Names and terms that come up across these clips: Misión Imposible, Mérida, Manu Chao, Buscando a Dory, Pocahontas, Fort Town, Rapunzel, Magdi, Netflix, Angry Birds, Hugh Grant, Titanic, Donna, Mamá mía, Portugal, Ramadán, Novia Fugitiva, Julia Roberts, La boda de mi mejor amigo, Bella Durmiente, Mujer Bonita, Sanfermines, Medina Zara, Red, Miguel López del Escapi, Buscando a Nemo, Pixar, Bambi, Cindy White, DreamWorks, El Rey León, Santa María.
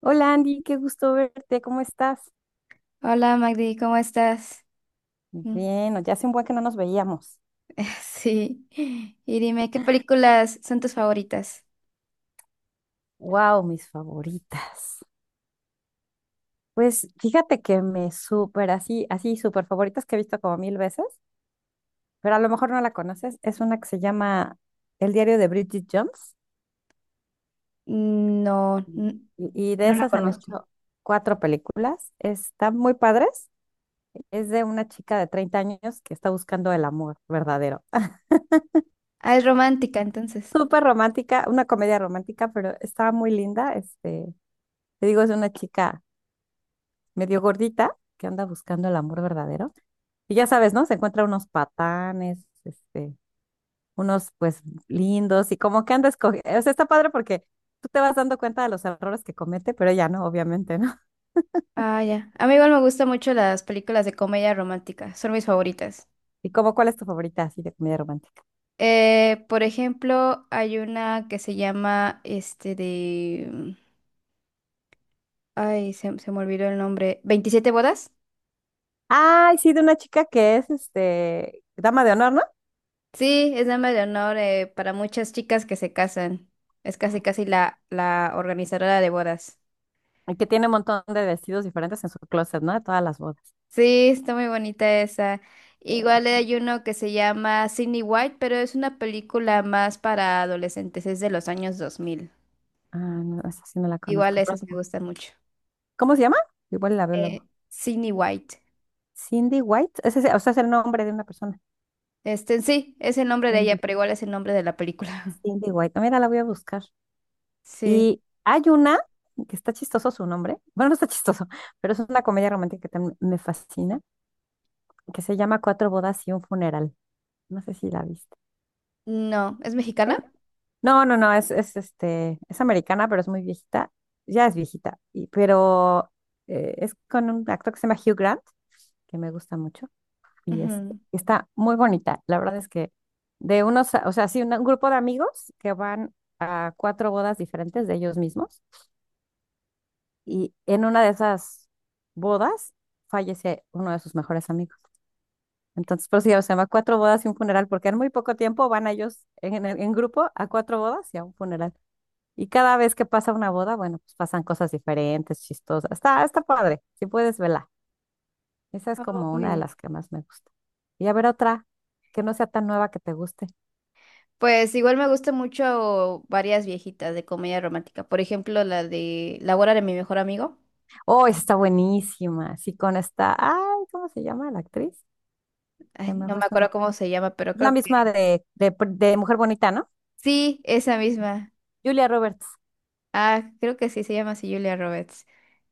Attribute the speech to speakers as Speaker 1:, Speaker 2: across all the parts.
Speaker 1: Hola Andy, qué gusto verte, ¿cómo estás?
Speaker 2: Hola Magdi, ¿cómo estás? Mm.
Speaker 1: Bien, ya hace un buen que no nos veíamos.
Speaker 2: Sí. Y dime, ¿qué películas son tus favoritas?
Speaker 1: Wow, mis favoritas. Pues fíjate que me súper así, así súper favoritas que he visto como mil veces, pero a lo mejor no la conoces. Es una que se llama El diario de Bridget Jones
Speaker 2: No,
Speaker 1: y, y de
Speaker 2: no la
Speaker 1: esas han
Speaker 2: conozco.
Speaker 1: hecho 4 películas. Están muy padres. Es de una chica de 30 años que está buscando el amor verdadero.
Speaker 2: Ah, es romántica, entonces.
Speaker 1: Súper romántica, una comedia romántica, pero estaba muy linda. Te digo, es una chica medio gordita que anda buscando el amor verdadero. Y ya sabes, ¿no? Se encuentra unos patanes, unos pues lindos y como que anda escogiendo. O sea, está padre porque tú te vas dando cuenta de los errores que comete, pero ella no, obviamente, ¿no?
Speaker 2: Ah, ya. A mí igual me gustan mucho las películas de comedia romántica, son mis favoritas.
Speaker 1: ¿Y como cuál es tu favorita así de comedia romántica?
Speaker 2: Por ejemplo, hay una que se llama, este, ay, se me olvidó el nombre. ¿27 bodas?
Speaker 1: Ay, sí, de una chica que es dama de honor, ¿no?
Speaker 2: Sí, es dama de honor para muchas chicas que se casan. Es casi, casi la organizadora de bodas.
Speaker 1: Y que tiene un montón de vestidos diferentes en su closet, ¿no? De todas las bodas.
Speaker 2: Sí, está muy bonita esa.
Speaker 1: Eh,
Speaker 2: Igual hay uno que se llama Sydney White, pero es una película más para adolescentes, es de los años 2000.
Speaker 1: ah, no, esa sí no la
Speaker 2: Igual
Speaker 1: conozco.
Speaker 2: esas me gustan mucho.
Speaker 1: ¿Cómo se llama? Igual la veo luego.
Speaker 2: Sydney White.
Speaker 1: Cindy White, ese, o sea, es el nombre de una persona.
Speaker 2: Este, sí, es el nombre de ella,
Speaker 1: Cindy
Speaker 2: pero igual es el nombre de la película.
Speaker 1: Cindy White. Mira, la voy a buscar.
Speaker 2: Sí.
Speaker 1: Y hay una que está chistoso su nombre. Bueno, no está chistoso, pero es una comedia romántica que también me fascina, que se llama Cuatro bodas y un funeral. No sé si la viste.
Speaker 2: No, ¿es
Speaker 1: Tiene-
Speaker 2: mexicana?
Speaker 1: No, no, no, es es americana, pero es muy viejita. Ya es viejita, pero es con un actor que se llama Hugh Grant, que me gusta mucho, y es,
Speaker 2: Ujú.
Speaker 1: está muy bonita. La verdad es que de unos, o sea, sí, un grupo de amigos que van a cuatro bodas diferentes de ellos mismos. Y en una de esas bodas fallece uno de sus mejores amigos. Entonces, por eso ya se llama cuatro bodas y un funeral, porque en muy poco tiempo van ellos en, en grupo a cuatro bodas y a un funeral. Y cada vez que pasa una boda, bueno, pues pasan cosas diferentes, chistosas. Está padre, si puedes verla. Esa es como una de
Speaker 2: Oye.
Speaker 1: las que más me gusta. Y a ver otra que no sea tan nueva que te guste.
Speaker 2: Pues igual me gusta mucho varias viejitas de comedia romántica. Por ejemplo, la de La boda de mi mejor amigo.
Speaker 1: Oh, esa está buenísima. Sí, con esta, ay, ¿cómo se llama la actriz?
Speaker 2: Ay,
Speaker 1: Se me
Speaker 2: no
Speaker 1: fue
Speaker 2: me
Speaker 1: su
Speaker 2: acuerdo
Speaker 1: nombre.
Speaker 2: cómo se llama, pero
Speaker 1: Es la
Speaker 2: creo
Speaker 1: misma
Speaker 2: que
Speaker 1: de Mujer Bonita, ¿no?
Speaker 2: sí, esa misma.
Speaker 1: Julia Roberts,
Speaker 2: Ah, creo que sí, se llama así Julia Roberts.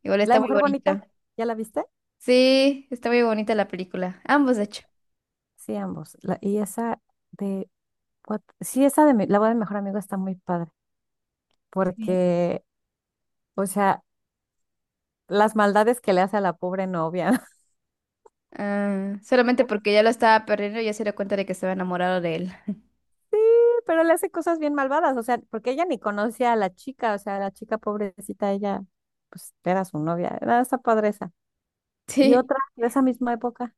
Speaker 2: Igual
Speaker 1: la
Speaker 2: está
Speaker 1: de
Speaker 2: muy
Speaker 1: Mujer Bonita,
Speaker 2: bonito.
Speaker 1: ¿ya la viste?
Speaker 2: Sí, está muy bonita la película. Ambos, de hecho.
Speaker 1: Sí, ambos. Y esa de, sí, esa la boda del mejor amigo está muy padre,
Speaker 2: Sí.
Speaker 1: porque, o sea, las maldades que le hace a la pobre novia,
Speaker 2: Ah, solamente porque ya lo estaba perdiendo, ya se dio cuenta de que estaba enamorado de él.
Speaker 1: pero le hace cosas bien malvadas, o sea, porque ella ni conoce a la chica, o sea, la chica pobrecita, ella, pues, era su novia, era esa padre esa. Y
Speaker 2: Sí,
Speaker 1: otra de esa misma época.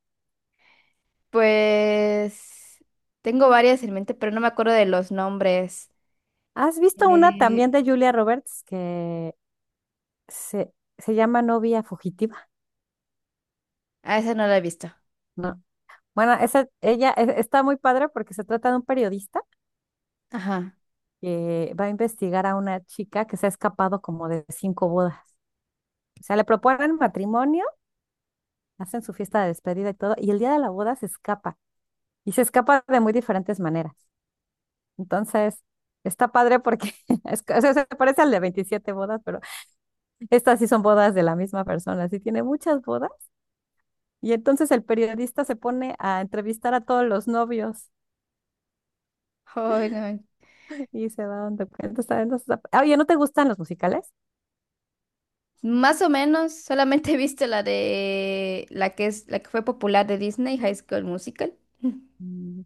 Speaker 2: pues tengo varias en mente, pero no me acuerdo de los nombres.
Speaker 1: ¿Has visto una
Speaker 2: Eh,
Speaker 1: también de Julia Roberts que se, se llama Novia Fugitiva?
Speaker 2: ah, esa no la he visto.
Speaker 1: No, bueno, esa, ella está muy padre porque se trata de un periodista
Speaker 2: Ajá.
Speaker 1: que va a investigar a una chica que se ha escapado como de 5 bodas. O sea, le proponen matrimonio, hacen su fiesta de despedida y todo, y el día de la boda se escapa. Y se escapa de muy diferentes maneras. Entonces, está padre porque es, o sea, se parece al de 27 bodas, pero estas sí son bodas de la misma persona. Sí, tiene muchas bodas. Y entonces el periodista se pone a entrevistar a todos los novios
Speaker 2: Ay, no.
Speaker 1: y se va dando cuenta. Entonces, oye, ¿no te gustan los musicales?
Speaker 2: Más o menos, solamente he visto la de la que es la que fue popular de Disney, High School Musical.
Speaker 1: Mm.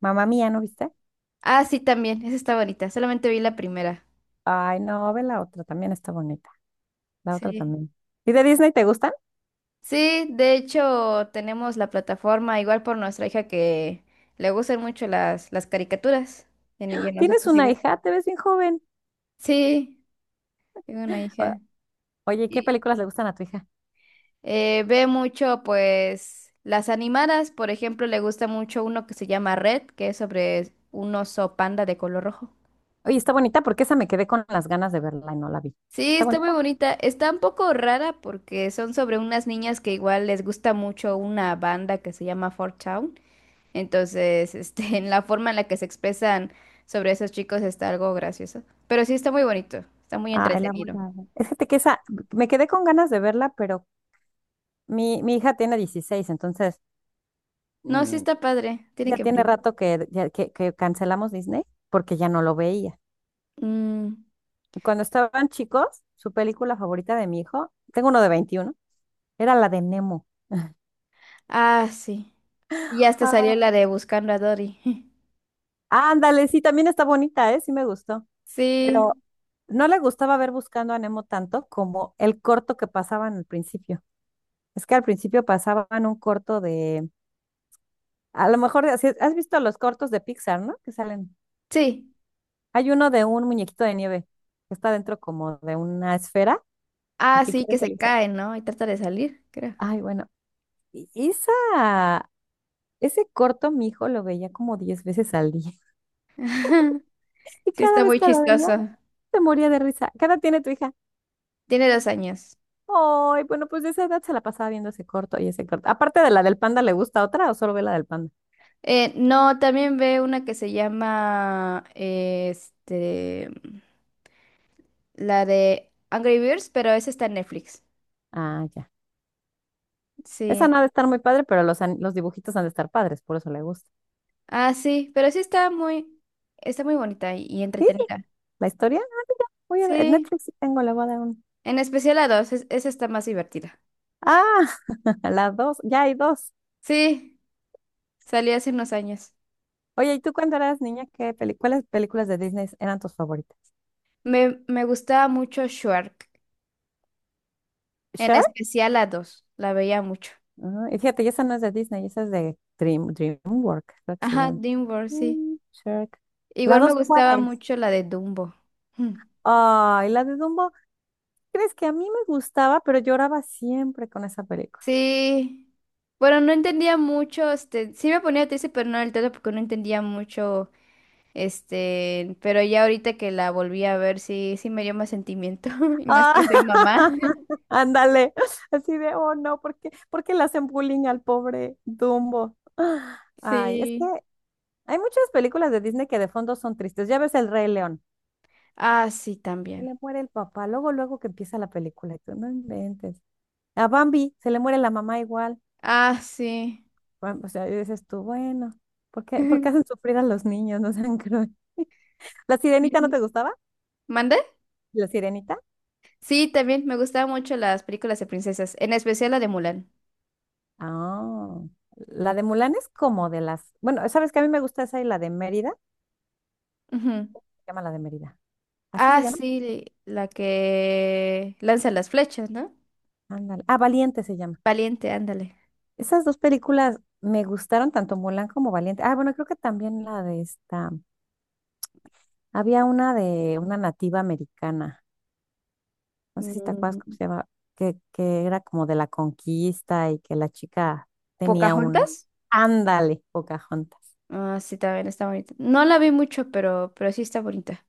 Speaker 1: Mamá mía, ¿no viste?
Speaker 2: Ah, sí, también, esa está bonita, solamente vi la primera.
Speaker 1: Ay, no, ve la otra, también está bonita. La otra
Speaker 2: Sí.
Speaker 1: también. ¿Y de Disney te gustan?
Speaker 2: Sí, de hecho, tenemos la plataforma igual por nuestra hija que le gustan mucho las caricaturas, y a
Speaker 1: Tienes
Speaker 2: nosotros
Speaker 1: una
Speaker 2: igual.
Speaker 1: hija, te ves bien joven.
Speaker 2: Sí, tengo una
Speaker 1: O-
Speaker 2: hija.
Speaker 1: Oye, ¿qué
Speaker 2: Y,
Speaker 1: películas le gustan a tu hija?
Speaker 2: ve mucho, pues, las animadas, por ejemplo, le gusta mucho uno que se llama Red, que es sobre un oso panda de color rojo.
Speaker 1: Oye, está bonita porque esa me quedé con las ganas de verla y no la vi.
Speaker 2: Sí,
Speaker 1: ¿Está
Speaker 2: está muy
Speaker 1: bonita?
Speaker 2: bonita. Está un poco rara porque son sobre unas niñas que igual les gusta mucho una banda que se llama Fort Town. Entonces, este, en la forma en la que se expresan sobre esos chicos está algo gracioso. Pero sí está muy bonito, está muy
Speaker 1: Ay, la voy
Speaker 2: entretenido.
Speaker 1: a ver. Es que que esa, me quedé con ganas de verla, pero mi hija tiene 16, entonces
Speaker 2: No, sí
Speaker 1: mm,
Speaker 2: está padre, tiene
Speaker 1: ya
Speaker 2: que verlo.
Speaker 1: tiene rato que, que cancelamos Disney porque ya no lo veía.
Speaker 2: Mm.
Speaker 1: Cuando estaban chicos, su película favorita de mi hijo, tengo uno de 21. Era la de Nemo.
Speaker 2: Ah, sí. Y hasta
Speaker 1: Ah,
Speaker 2: salió la de Buscando a Dory.
Speaker 1: ándale, sí, también está bonita, ¿eh? Sí me gustó, pero
Speaker 2: Sí,
Speaker 1: no le gustaba ver Buscando a Nemo tanto como el corto que pasaban al principio. Es que al principio pasaban un corto de, a lo mejor, has visto los cortos de Pixar, ¿no? Que salen.
Speaker 2: sí.
Speaker 1: Hay uno de un muñequito de nieve que está dentro como de una esfera y
Speaker 2: Ah,
Speaker 1: que
Speaker 2: sí,
Speaker 1: quiere
Speaker 2: que se
Speaker 1: salirse.
Speaker 2: cae, ¿no? Y trata de salir, creo.
Speaker 1: Ay, bueno, y esa, ese corto mi hijo lo veía como 10 veces al día. Y
Speaker 2: Sí,
Speaker 1: cada
Speaker 2: está
Speaker 1: vez
Speaker 2: muy
Speaker 1: que lo veía,
Speaker 2: chistoso.
Speaker 1: se moría de risa. ¿Qué edad tiene tu hija?
Speaker 2: Tiene 2 años.
Speaker 1: Ay, bueno, pues de esa edad se la pasaba viendo ese corto y ese corto. Aparte de la del panda, ¿le gusta otra o solo ve la del panda?
Speaker 2: No, también ve una que se llama, este, la de Angry Birds, pero esa está en Netflix.
Speaker 1: Ah, ya. Esa no
Speaker 2: Sí.
Speaker 1: ha de estar muy padre, pero los dibujitos han de estar padres, por eso le gusta.
Speaker 2: Ah, sí, pero sí está muy bonita y
Speaker 1: ¿Sí?
Speaker 2: entretenida.
Speaker 1: ¿La historia? Ah, mira, voy a ver.
Speaker 2: Sí,
Speaker 1: Netflix sí tengo, le voy a dar un.
Speaker 2: en especial la 2, esa está más divertida.
Speaker 1: Ah, las dos, ya hay dos.
Speaker 2: Sí, salió hace unos años.
Speaker 1: Oye, ¿y tú cuando eras niña, qué cuáles películas de Disney eran tus favoritas?
Speaker 2: Me gustaba mucho Shark, en
Speaker 1: ¿Sure?
Speaker 2: especial la 2, la veía mucho.
Speaker 1: Ah, y fíjate, y esa no es de Disney, esa es de DreamWorks, creo que se
Speaker 2: Ajá,
Speaker 1: llama.
Speaker 2: DreamWorks, sí.
Speaker 1: Shrek. ¿La
Speaker 2: Igual me
Speaker 1: dos cuál
Speaker 2: gustaba
Speaker 1: es?
Speaker 2: mucho la de Dumbo. Hmm.
Speaker 1: Ay, la de Dumbo. ¿Crees que a mí me gustaba, pero lloraba siempre con esa película?
Speaker 2: Sí. Bueno, no entendía mucho, este, sí me ponía triste, pero no del todo porque no entendía mucho, este, pero ya ahorita que la volví a ver, sí, sí me dio más sentimiento, y más
Speaker 1: Ah,
Speaker 2: que soy mamá.
Speaker 1: ándale, así de, oh no, ¿por qué le hacen bullying al pobre Dumbo? Ay, es que
Speaker 2: Sí.
Speaker 1: hay muchas películas de Disney que de fondo son tristes. Ya ves El Rey León,
Speaker 2: Ah, sí,
Speaker 1: se
Speaker 2: también.
Speaker 1: le muere el papá, luego, luego que empieza la película, y tú no inventes. A Bambi, se le muere la mamá igual.
Speaker 2: Ah, sí.
Speaker 1: Bueno, o sea, y dices tú, bueno, ¿por qué hacen sufrir a los niños? No sean crueles. ¿La Sirenita no te gustaba?
Speaker 2: ¿Mande?
Speaker 1: ¿La Sirenita?
Speaker 2: Sí, también me gustaban mucho las películas de princesas, en especial la de Mulan.
Speaker 1: Ah, la de Mulan es como de las, bueno, sabes que a mí me gusta esa y la de Mérida, se
Speaker 2: Ujú.
Speaker 1: llama la de Mérida. ¿Así se
Speaker 2: Ah,
Speaker 1: llama?
Speaker 2: sí, la que lanza las flechas, ¿no?
Speaker 1: Ándale. Ah, Valiente se llama.
Speaker 2: Valiente, ándale.
Speaker 1: Esas dos películas me gustaron tanto Mulan como Valiente. Ah, bueno, creo que también la de esta. Había una de una nativa americana. No sé si te acuerdas cómo
Speaker 2: Mm.
Speaker 1: se llama, que era como de la conquista y que la chica tenía un
Speaker 2: ¿Pocahontas?
Speaker 1: ándale, Pocahontas.
Speaker 2: Ah, sí, también está bonita. No la vi mucho, pero sí está bonita.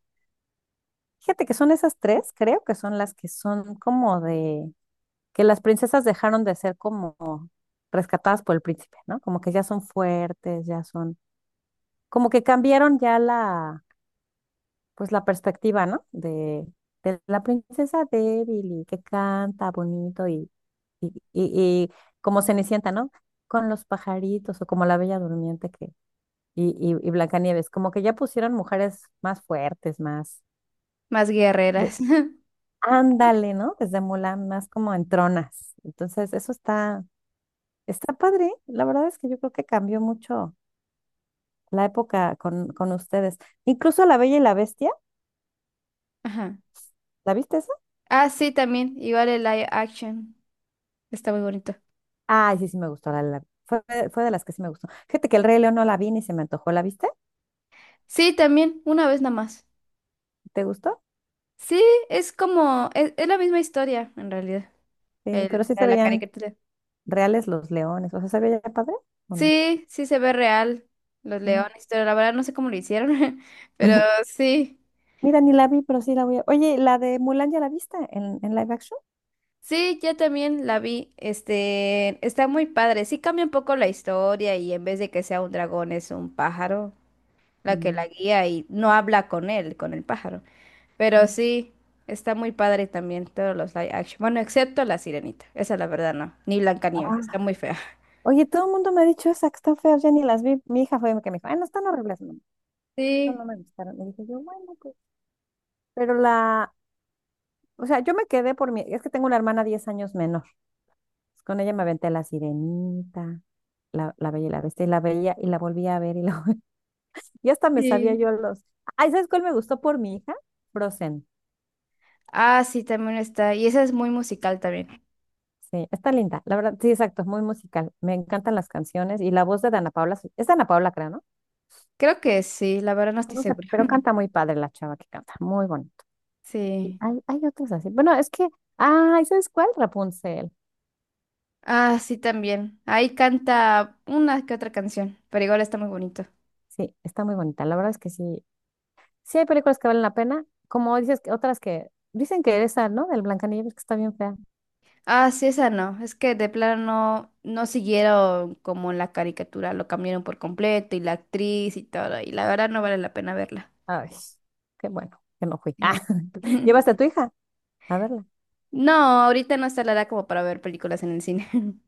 Speaker 1: Fíjate que son esas tres, creo que son las que son como de que las princesas dejaron de ser como rescatadas por el príncipe, ¿no? Como que ya son fuertes, ya son, como que cambiaron ya pues la perspectiva, ¿no? De la princesa débil y que canta bonito y, y, y, y como Cenicienta, ¿no? Con los pajaritos o como la Bella Durmiente que, y Blancanieves, como que ya pusieron mujeres más fuertes, más
Speaker 2: Más
Speaker 1: de,
Speaker 2: guerreras.
Speaker 1: ándale, ¿no? Desde Mulan, más como en tronas. Entonces, está padre, la verdad es que yo creo que cambió mucho la época con ustedes. Incluso La Bella y la Bestia,
Speaker 2: Ajá.
Speaker 1: ¿la viste esa?
Speaker 2: Ah, sí, también. Igual el live action. Está muy bonito.
Speaker 1: Ay, sí, sí me gustó, fue de las que sí me gustó. Fíjate que el Rey León no la vi ni se me antojó, ¿la viste?
Speaker 2: Sí, también. Una vez nada más.
Speaker 1: ¿Te gustó?
Speaker 2: Sí, es como. Es la misma historia, en realidad.
Speaker 1: Sí, pero sí
Speaker 2: La
Speaker 1: se
Speaker 2: de la
Speaker 1: veían
Speaker 2: caricatura.
Speaker 1: reales los leones, o sea, ¿se veía padre o no?
Speaker 2: Sí, sí se ve real. Los
Speaker 1: Ah,
Speaker 2: leones, pero la verdad no sé cómo lo hicieron. Pero sí.
Speaker 1: mira, ni la vi, pero sí la voy a... Oye, ¿la de Mulan ya la viste en live action?
Speaker 2: Sí, yo también la vi. Este, está muy padre. Sí cambia un poco la historia y en vez de que sea un dragón es un pájaro la que
Speaker 1: Mm,
Speaker 2: la guía y no habla con él, con el pájaro. Pero
Speaker 1: ah.
Speaker 2: sí, está muy padre también todos los live action. Bueno, excepto la Sirenita. Esa la verdad no. Ni Blancanieves, está
Speaker 1: Ah,
Speaker 2: muy fea.
Speaker 1: oye, todo el mundo me ha dicho esa que están feas, ya ni las vi. Mi hija fue la que me dijo, ay, no están horribles, mamá. No, no
Speaker 2: Sí,
Speaker 1: me gustaron. Y dije yo, bueno, pues pero la, o sea, yo me quedé por mi, es que tengo una hermana 10 años menor. Con ella me aventé La Sirenita, la Bella y la Bestia, y la veía y la volvía a ver y, la, y hasta me sabía
Speaker 2: sí.
Speaker 1: yo los... Ay, ¿sabes cuál me gustó por mi hija? Frozen.
Speaker 2: Ah, sí, también está. Y esa es muy musical también.
Speaker 1: Sí, está linda. La verdad, sí, exacto, es muy musical. Me encantan las canciones y la voz de Dana Paula, es Dana Paula, creo, ¿no?
Speaker 2: Creo que sí, la verdad no estoy
Speaker 1: No sé,
Speaker 2: segura.
Speaker 1: pero canta muy padre la chava que canta, muy bonito. Y
Speaker 2: Sí.
Speaker 1: hay otras así. Bueno, es que, ay, ¿sabes cuál? Rapunzel.
Speaker 2: Ah, sí, también. Ahí canta una que otra canción, pero igual está muy bonito.
Speaker 1: Sí, está muy bonita. La verdad es que sí, sí hay películas que valen la pena, como dices que otras que dicen que esa, ¿no? Del Blancanieves que está bien fea.
Speaker 2: Ah, sí, esa no. Es que de plano no, no siguieron como en la caricatura, lo cambiaron por completo y la actriz y todo, y la verdad no vale la pena verla.
Speaker 1: Ay, qué bueno que no fui. Ah,
Speaker 2: Sí.
Speaker 1: ¿llevaste a tu hija a verla?
Speaker 2: No, ahorita no está la edad como para ver películas en el cine.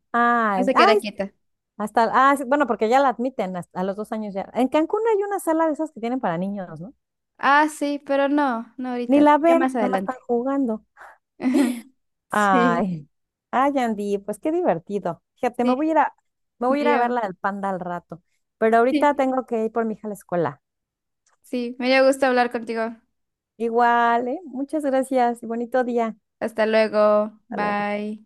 Speaker 2: No
Speaker 1: Ah,
Speaker 2: se queda
Speaker 1: ay,
Speaker 2: quieta.
Speaker 1: hasta, ah, sí, bueno, porque ya la admiten a los 2 años ya. En Cancún hay una sala de esas que tienen para niños, ¿no?
Speaker 2: Ah, sí, pero no, no
Speaker 1: Ni
Speaker 2: ahorita, no,
Speaker 1: la
Speaker 2: ya
Speaker 1: ven,
Speaker 2: más
Speaker 1: nada más están
Speaker 2: adelante.
Speaker 1: jugando.
Speaker 2: Sí,
Speaker 1: Ay, ay, Andy, pues qué divertido. Fíjate, me
Speaker 2: sí,
Speaker 1: voy a ir a, me
Speaker 2: me
Speaker 1: voy a ir a
Speaker 2: dio,
Speaker 1: ver la del panda al rato, pero ahorita
Speaker 2: sí,
Speaker 1: tengo que ir por mi hija a la escuela.
Speaker 2: sí, me dio gusto hablar contigo.
Speaker 1: Igual, ¿eh? Muchas gracias y bonito día.
Speaker 2: Hasta luego.
Speaker 1: Hasta luego.
Speaker 2: Bye.